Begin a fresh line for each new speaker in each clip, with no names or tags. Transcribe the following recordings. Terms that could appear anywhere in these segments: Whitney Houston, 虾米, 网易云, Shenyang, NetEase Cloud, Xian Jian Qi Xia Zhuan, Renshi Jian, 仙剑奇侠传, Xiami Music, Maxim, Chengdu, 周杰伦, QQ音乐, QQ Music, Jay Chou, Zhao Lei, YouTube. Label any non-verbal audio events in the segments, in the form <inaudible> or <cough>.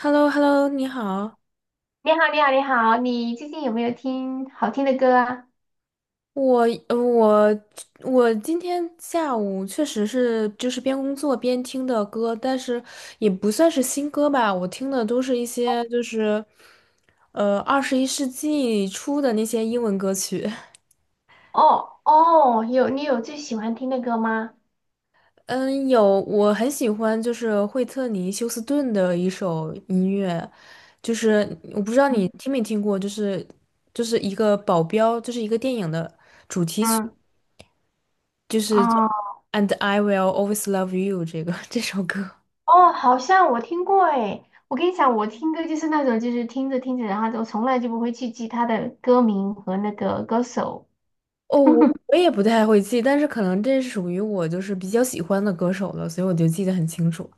h e l l o h e l l o 你好，
你好，你好，你好，你最近有没有听好听的歌啊？
我呃我我今天下午确实是就是边工作边听的歌，但是也不算是新歌吧，我听的都是一些就是21世纪初的那些英文歌曲。<laughs>
哦哦，有，你有最喜欢听的歌吗？
嗯，有我很喜欢就是惠特尼休斯顿的一首音乐，就是我不知道你
嗯
听没听过，就是一个保镖，就是一个电影的。主题曲。
嗯
就是这
啊
"And I will always love you" 这首歌。
哦，好像我听过诶。我跟你讲，我听歌就是那种，就是听着听着，然后就从来就不会去记他的歌名和那个歌手。
哦，我
<laughs>
我也不太会记，但是可能这是属于我就是比较喜欢的歌手了，所以我就记得很清楚。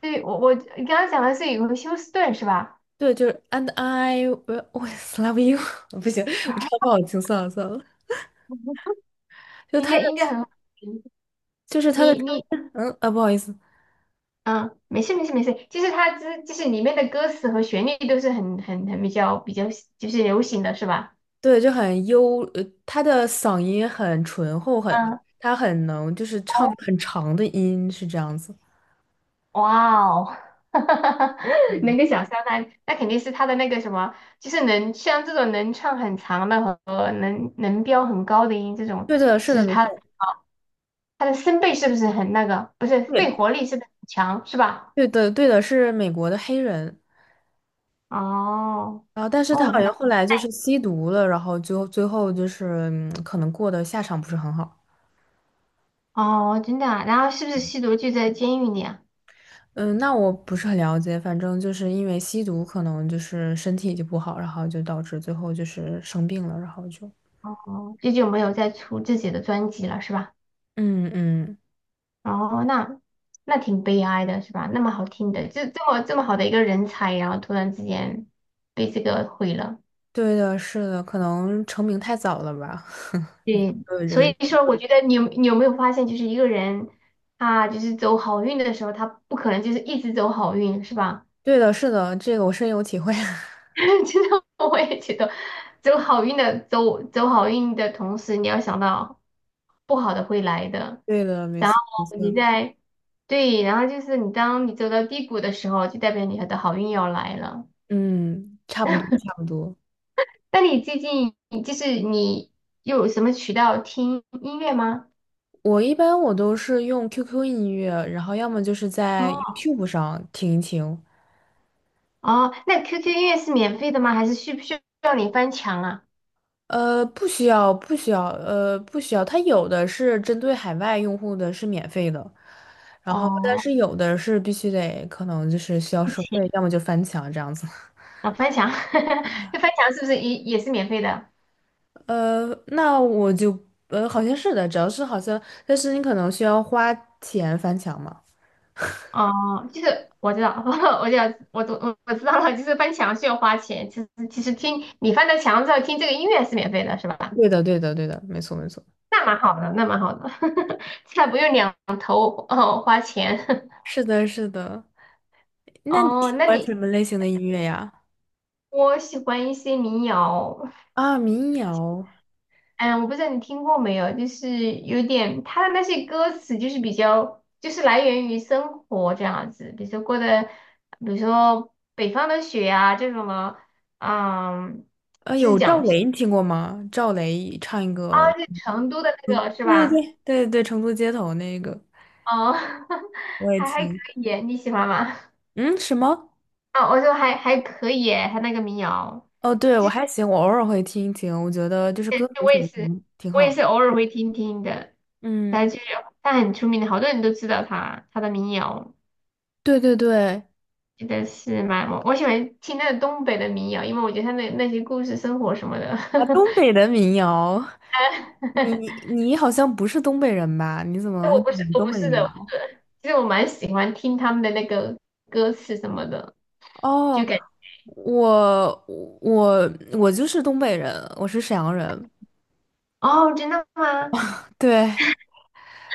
对，我你刚刚讲的是有个休斯顿是吧？
对，就是 "And I will always love you" <laughs> 不行，我唱不好听，算了。
<laughs>
就
应
他
该
的，
应该很好听。
就是他的
你
声
你
音，嗯啊，不好意思，
嗯，没事没事没事，就是它之就是里面的歌词和旋律都是很比较比较就是流行的是吧？
对，就很优，他的嗓音很醇厚，很，
嗯，
他很能就是唱
哦，
很长的音，是这样子。
哇哦，<laughs>
嗯，
能够想象那那肯定是他的那个什么，就是能像这种能唱很长的和能能飙很高的音这种，
对的，是
其
的，
实
没
他
错，
他的声贝是不是很那个，不是
对，
肺活力是不是很强是吧？
对的，对的，是美国的黑人。
哦
然后，但是他好
哦那
像后来就是吸毒了，然后就最后就是可能过的下场不是很好。
哦真的啊，然后是不是吸毒就在监狱里啊？
嗯，那我不是很了解，反正就是因为吸毒，可能就是身体就不好，然后就导致最后就是生病了，然后就
哦，最近没有再出自己的专辑了，是吧？
嗯嗯，
哦，那那挺悲哀的，是吧？那么好听的，这么好的一个人才，然后突然之间被这个毁了。
对的，是的，可能成名太早了吧，<laughs>
对，
都有这
所
个，
以说我觉得你有没有发现，就是一个人他就是走好运的时候，他不可能就是一直走好运，是吧？
对的，是的，这个我深有体会。<laughs>
<laughs> 其实我也觉得，走好运的走好运的同时，你要想到不好的会来的。
对的，没
然
错，没
后
错
你
的，
在，对，然后就是你当你走到低谷的时候，就代表你的好运要来了。
嗯，差不多，差不多。
那你最近就是你有什么渠道听音乐吗？
我一般都是用 QQ 音乐，然后要么就是在
哦
YouTube 上听一听，
哦，那 QQ 音乐是免费的吗？还是需不需要你翻墙啊？
不需要，不需要，不需要。它有的是针对海外用户的，是免费的，然后但
哦，
是有的是必须得，可能就是需要
付
收
钱
费，要么就翻墙这样子。<laughs>
啊，翻墙，<laughs> 那翻墙是不是也也是免费的？
那我就，好像是的，只要是好像，但是你可能需要花钱翻墙嘛。
哦，就是我知道，<laughs> 我知道，我懂，我知道了，就是翻墙需要花钱，其实其实听你翻到墙之后听这个音乐是免费的，是吧？
对的，对的，对的，没错，没错。
那蛮好的，那蛮好的，<laughs> 这还不用两哦花钱
是的，是的。
<laughs>
那你
哦。
喜
那
欢
你
什么类型的音乐呀？
我喜欢一些民谣，
啊，民谣，
嗯，我不知道你听过没有，就是有点它的那些歌词就是比较就是来源于生活这样子，比如说过的，比如说北方的雪啊这种的，嗯，就是
有赵
讲啊，
雷，你听过吗？赵雷唱一个。
就成都的
嗯，
那个是
对对
吧？
对对对，成都街头那个
哦，<laughs>
我也
还还可
听。
以，你喜欢吗？<laughs>
嗯，什么？
啊，我说还还可以，他那个民谣。
哦，对，我还行，我偶尔会听一听，我觉得就是歌
对，
词
我
写
也
的
是，
挺挺
我
好
也
的。
是偶尔会听听的。
嗯，
但就是他很出名的，好多人都知道他他的民谣，
对对对，
真的是蛮我喜欢听那个东北的民谣，因为我觉得他那那些故事、生活什么的。
啊，东北的民谣，你
<laughs>
你好像不是东北人吧？你怎
但
么会
我不是
听
我
东
不
北的
是
民
的，
谣？
其实我蛮喜欢听他们的那个歌词什么的，就
哦，
感
我我就是东北人，我是沈阳人。
哦，真的吗？
对，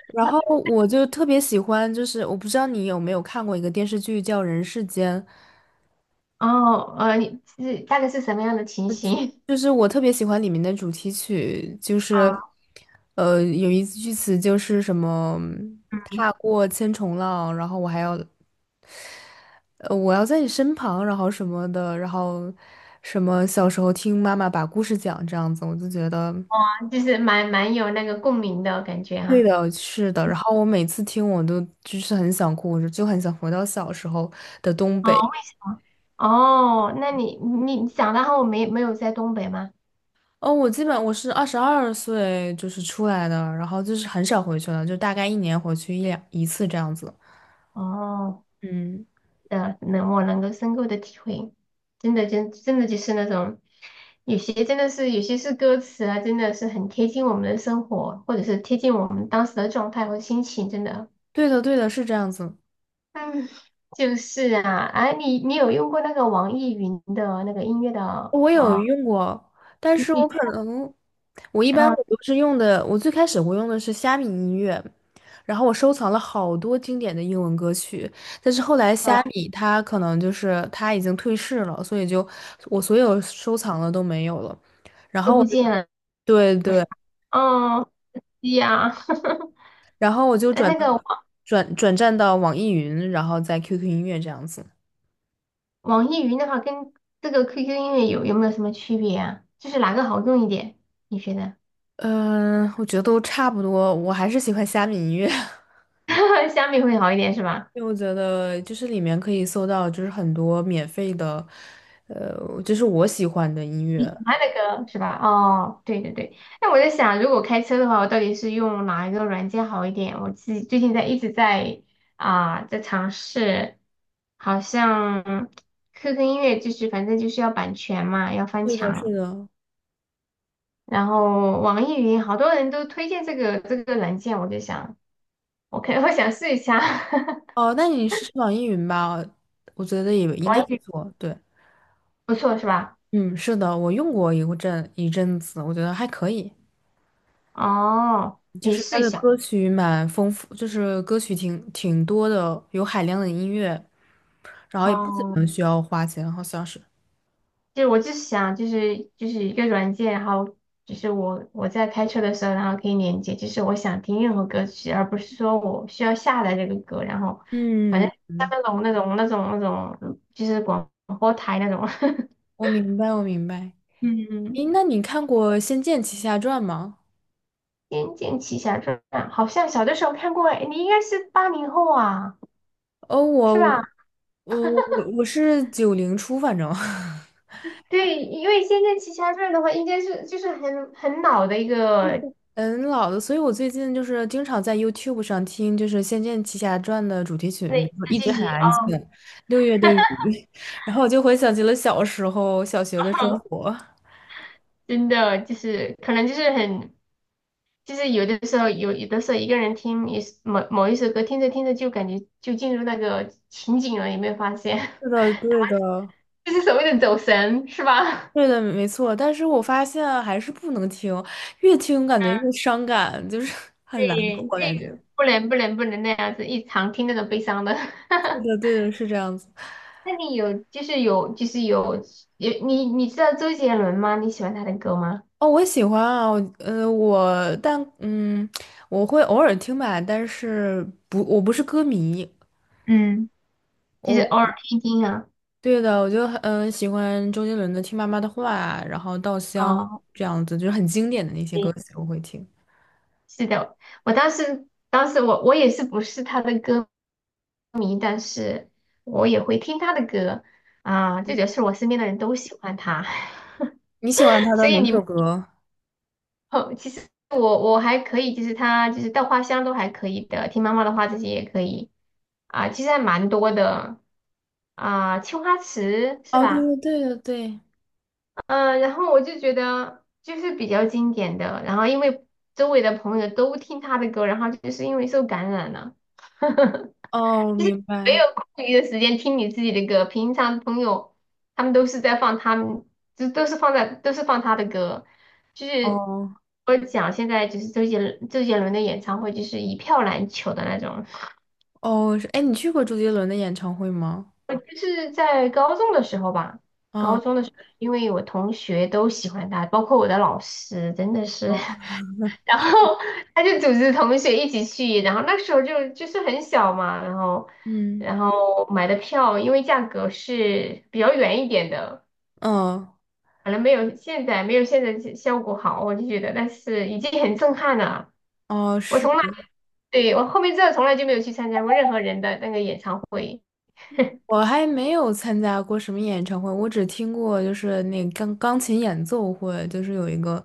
然后我就特别喜欢，就是我不知道你有没有看过一个电视剧叫《人世间》。
哦，呃，你是大概是什么样的情形？
就是我特别喜欢里面的主题曲，
<laughs>
就是，
啊，
有一句词就是什么
嗯，
“踏过千重浪”，然后我还要，我要在你身旁，然后什么的，然后什么小时候听妈妈把故事讲这样子，我就觉得
就是蛮蛮有那个共鸣的感觉
对
哈、
的，是的。然后我每次听都就是很想哭，我就很想回到小时候的东
哦。
北。
哦，那你你长大后没没有在东北吗？
哦，我基本是22岁就是出来的，然后就是很少回去了，就大概一年回去一次这样子。
哦，
嗯。
能我能够深刻的体会，真的真真的就是那种，有些真的是有些是歌词啊，真的是很贴近我们的生活，或者是贴近我们当时的状态和心情，真的。
对的，对的，是这样子。
嗯，就是啊，哎、你你有用过那个网易云的那个音乐的
我有
啊？
用过，但
你
是我
你
可能，我一般
嗯
都是用的，我最开始用的是虾米音乐，然后我收藏了好多经典的英文歌曲，但是后来虾
嗯
米它可能就是它已经退市了，所以就我所有收藏的都没有了。然
都
后我
不
就
见了
对对，
哦，对呀，
然后我就
哎，
转
那
到
个。
转转战到网易云，然后在 QQ 音乐这样子。
网易云的话跟这个 QQ 音乐有没有什么区别啊？就是哪个好用一点？你觉得？
嗯，我觉得都差不多，我还是喜欢虾米音乐。<laughs>
<laughs> 虾米会好一点是吧？
因为我觉得就是里面可以搜到，就是很多免费的，就是我喜欢的音乐。
喜欢的歌是吧？哦，对对对。那我在想，如果开车的话，我到底是用哪一个软件好一点？我自己最近在一直在啊、在尝试，好像 QQ 音乐就是反正就是要版权嘛，要翻
是的，是
墙。
的。
然后网易云好多人都推荐这个软件，我就想，我可 <laughs> 我想试一下。<laughs>
哦，那你试试网易云吧，我觉得也应
网
该不
易云。
错。对，
不错是吧？
嗯，是的，我用过一阵子，我觉得还可以。
哦，可
就
以
是
试
它
一
的
下。
歌曲蛮丰富，就是歌曲挺挺多的，有海量的音乐，然后也不怎
哦，
么需要花钱，好像是。
就是我就是想，就是就是一个软件，然后就是我在开车的时候，然后可以连接，就是我想听任何歌曲，而不是说我需要下载这个歌，然后反
嗯
正
嗯，
像
嗯
那种，就是广播台那种。<laughs>
我明白，我明白。
嗯，
诶，那你看过《仙剑奇侠传》吗？
《仙剑奇侠传》好像小的时候看过，哎，你应该是八零后啊，
哦，我
是吧？
我我我我是90初，反正 <laughs>
对，因为《仙剑奇侠传》的话，应该是就是很老的一个
嗯老的，所以我最近就是经常在 YouTube 上听就是《仙剑奇侠传》的主题曲，比如
对，
说一直
自
很
己
安静，
哦，
六月的雨，<laughs> 然后我就回想起了小时候小学的生
<laughs>
活。
真的就是可能就是很，就是有的时候有的时候一个人听一某某一首歌，听着听着就感觉就进入那个情景了，有没有发现？
是的，对的，
<laughs> 就是所谓的走神，是吧？
对的，没错。但是我发现啊还是不能听，越听感觉越
嗯，
伤感，就是 <laughs> 很难
对，
过感
这个
觉。
不能那样子，一常听那种悲伤的。
对
<laughs>
的，对的，是这样子。
那你有就是有你你知道周杰伦吗？你喜欢他的歌吗？
哦，我喜欢啊，我但嗯，我会偶尔听吧，但是不，我不是歌迷。
嗯，就是偶
我
尔听一听啊。
对的，我就喜欢周杰伦的《听妈妈的话啊》，然后《稻香》
哦，
这样子，就是很经典的那些歌曲我会听。
是的，我当时我也是不是他的歌迷，但是我也会听他的歌啊，这就是我身边的人都喜欢他，<laughs>
你喜欢他的
所以
哪首
你
歌？
哦，其实我我还可以，就是他就是稻花香都还可以的，听妈妈的话这些也可以啊，其实还蛮多的啊，青花瓷是
哦，对
吧？
对对对对，
嗯，然后我就觉得就是比较经典的，然后因为周围的朋友都听他的歌，然后就是因为受感染了。<laughs>
哦，我
就是
明
没
白。
有空余的时间听你自己的歌。平常朋友他们都是在放他们，就都是放在都是放他的歌。就是
哦
我讲现在就是周杰伦的演唱会，就是一票难求的那种。
哦，是，哎，你去过周杰伦的演唱会吗？
就是在高中的时候吧，高
啊，
中的时候，因为我同学都喜欢他，包括我的老师，真的是。
哦
<laughs> 然后 <laughs> 他就组织同学一起去，然后那时候就就是很小嘛，然后
嗯
然后买的票，因为价格是比较远一点的，
嗯哦
可能没有现在效果好，我就觉得，但是已经很震撼了。
哦，
我
是。
从来对我后面真的从来就没有去参加过任何人的那个演唱会，
我还没有参加过什么演唱会，我只听过就是那个钢琴演奏会，就是有一个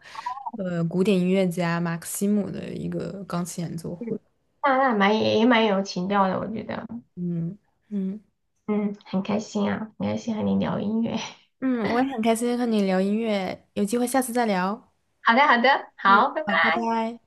古典音乐家马克西姆的一个钢琴演奏会。
嗯，那那蛮也也蛮有情调的，我觉得，
嗯嗯
嗯，很开心啊，很开心和你聊音乐。<laughs>
嗯，我也很开心和你聊音乐，有机会下次再聊。
好的，好的，
嗯，
好，拜拜。
好，拜拜。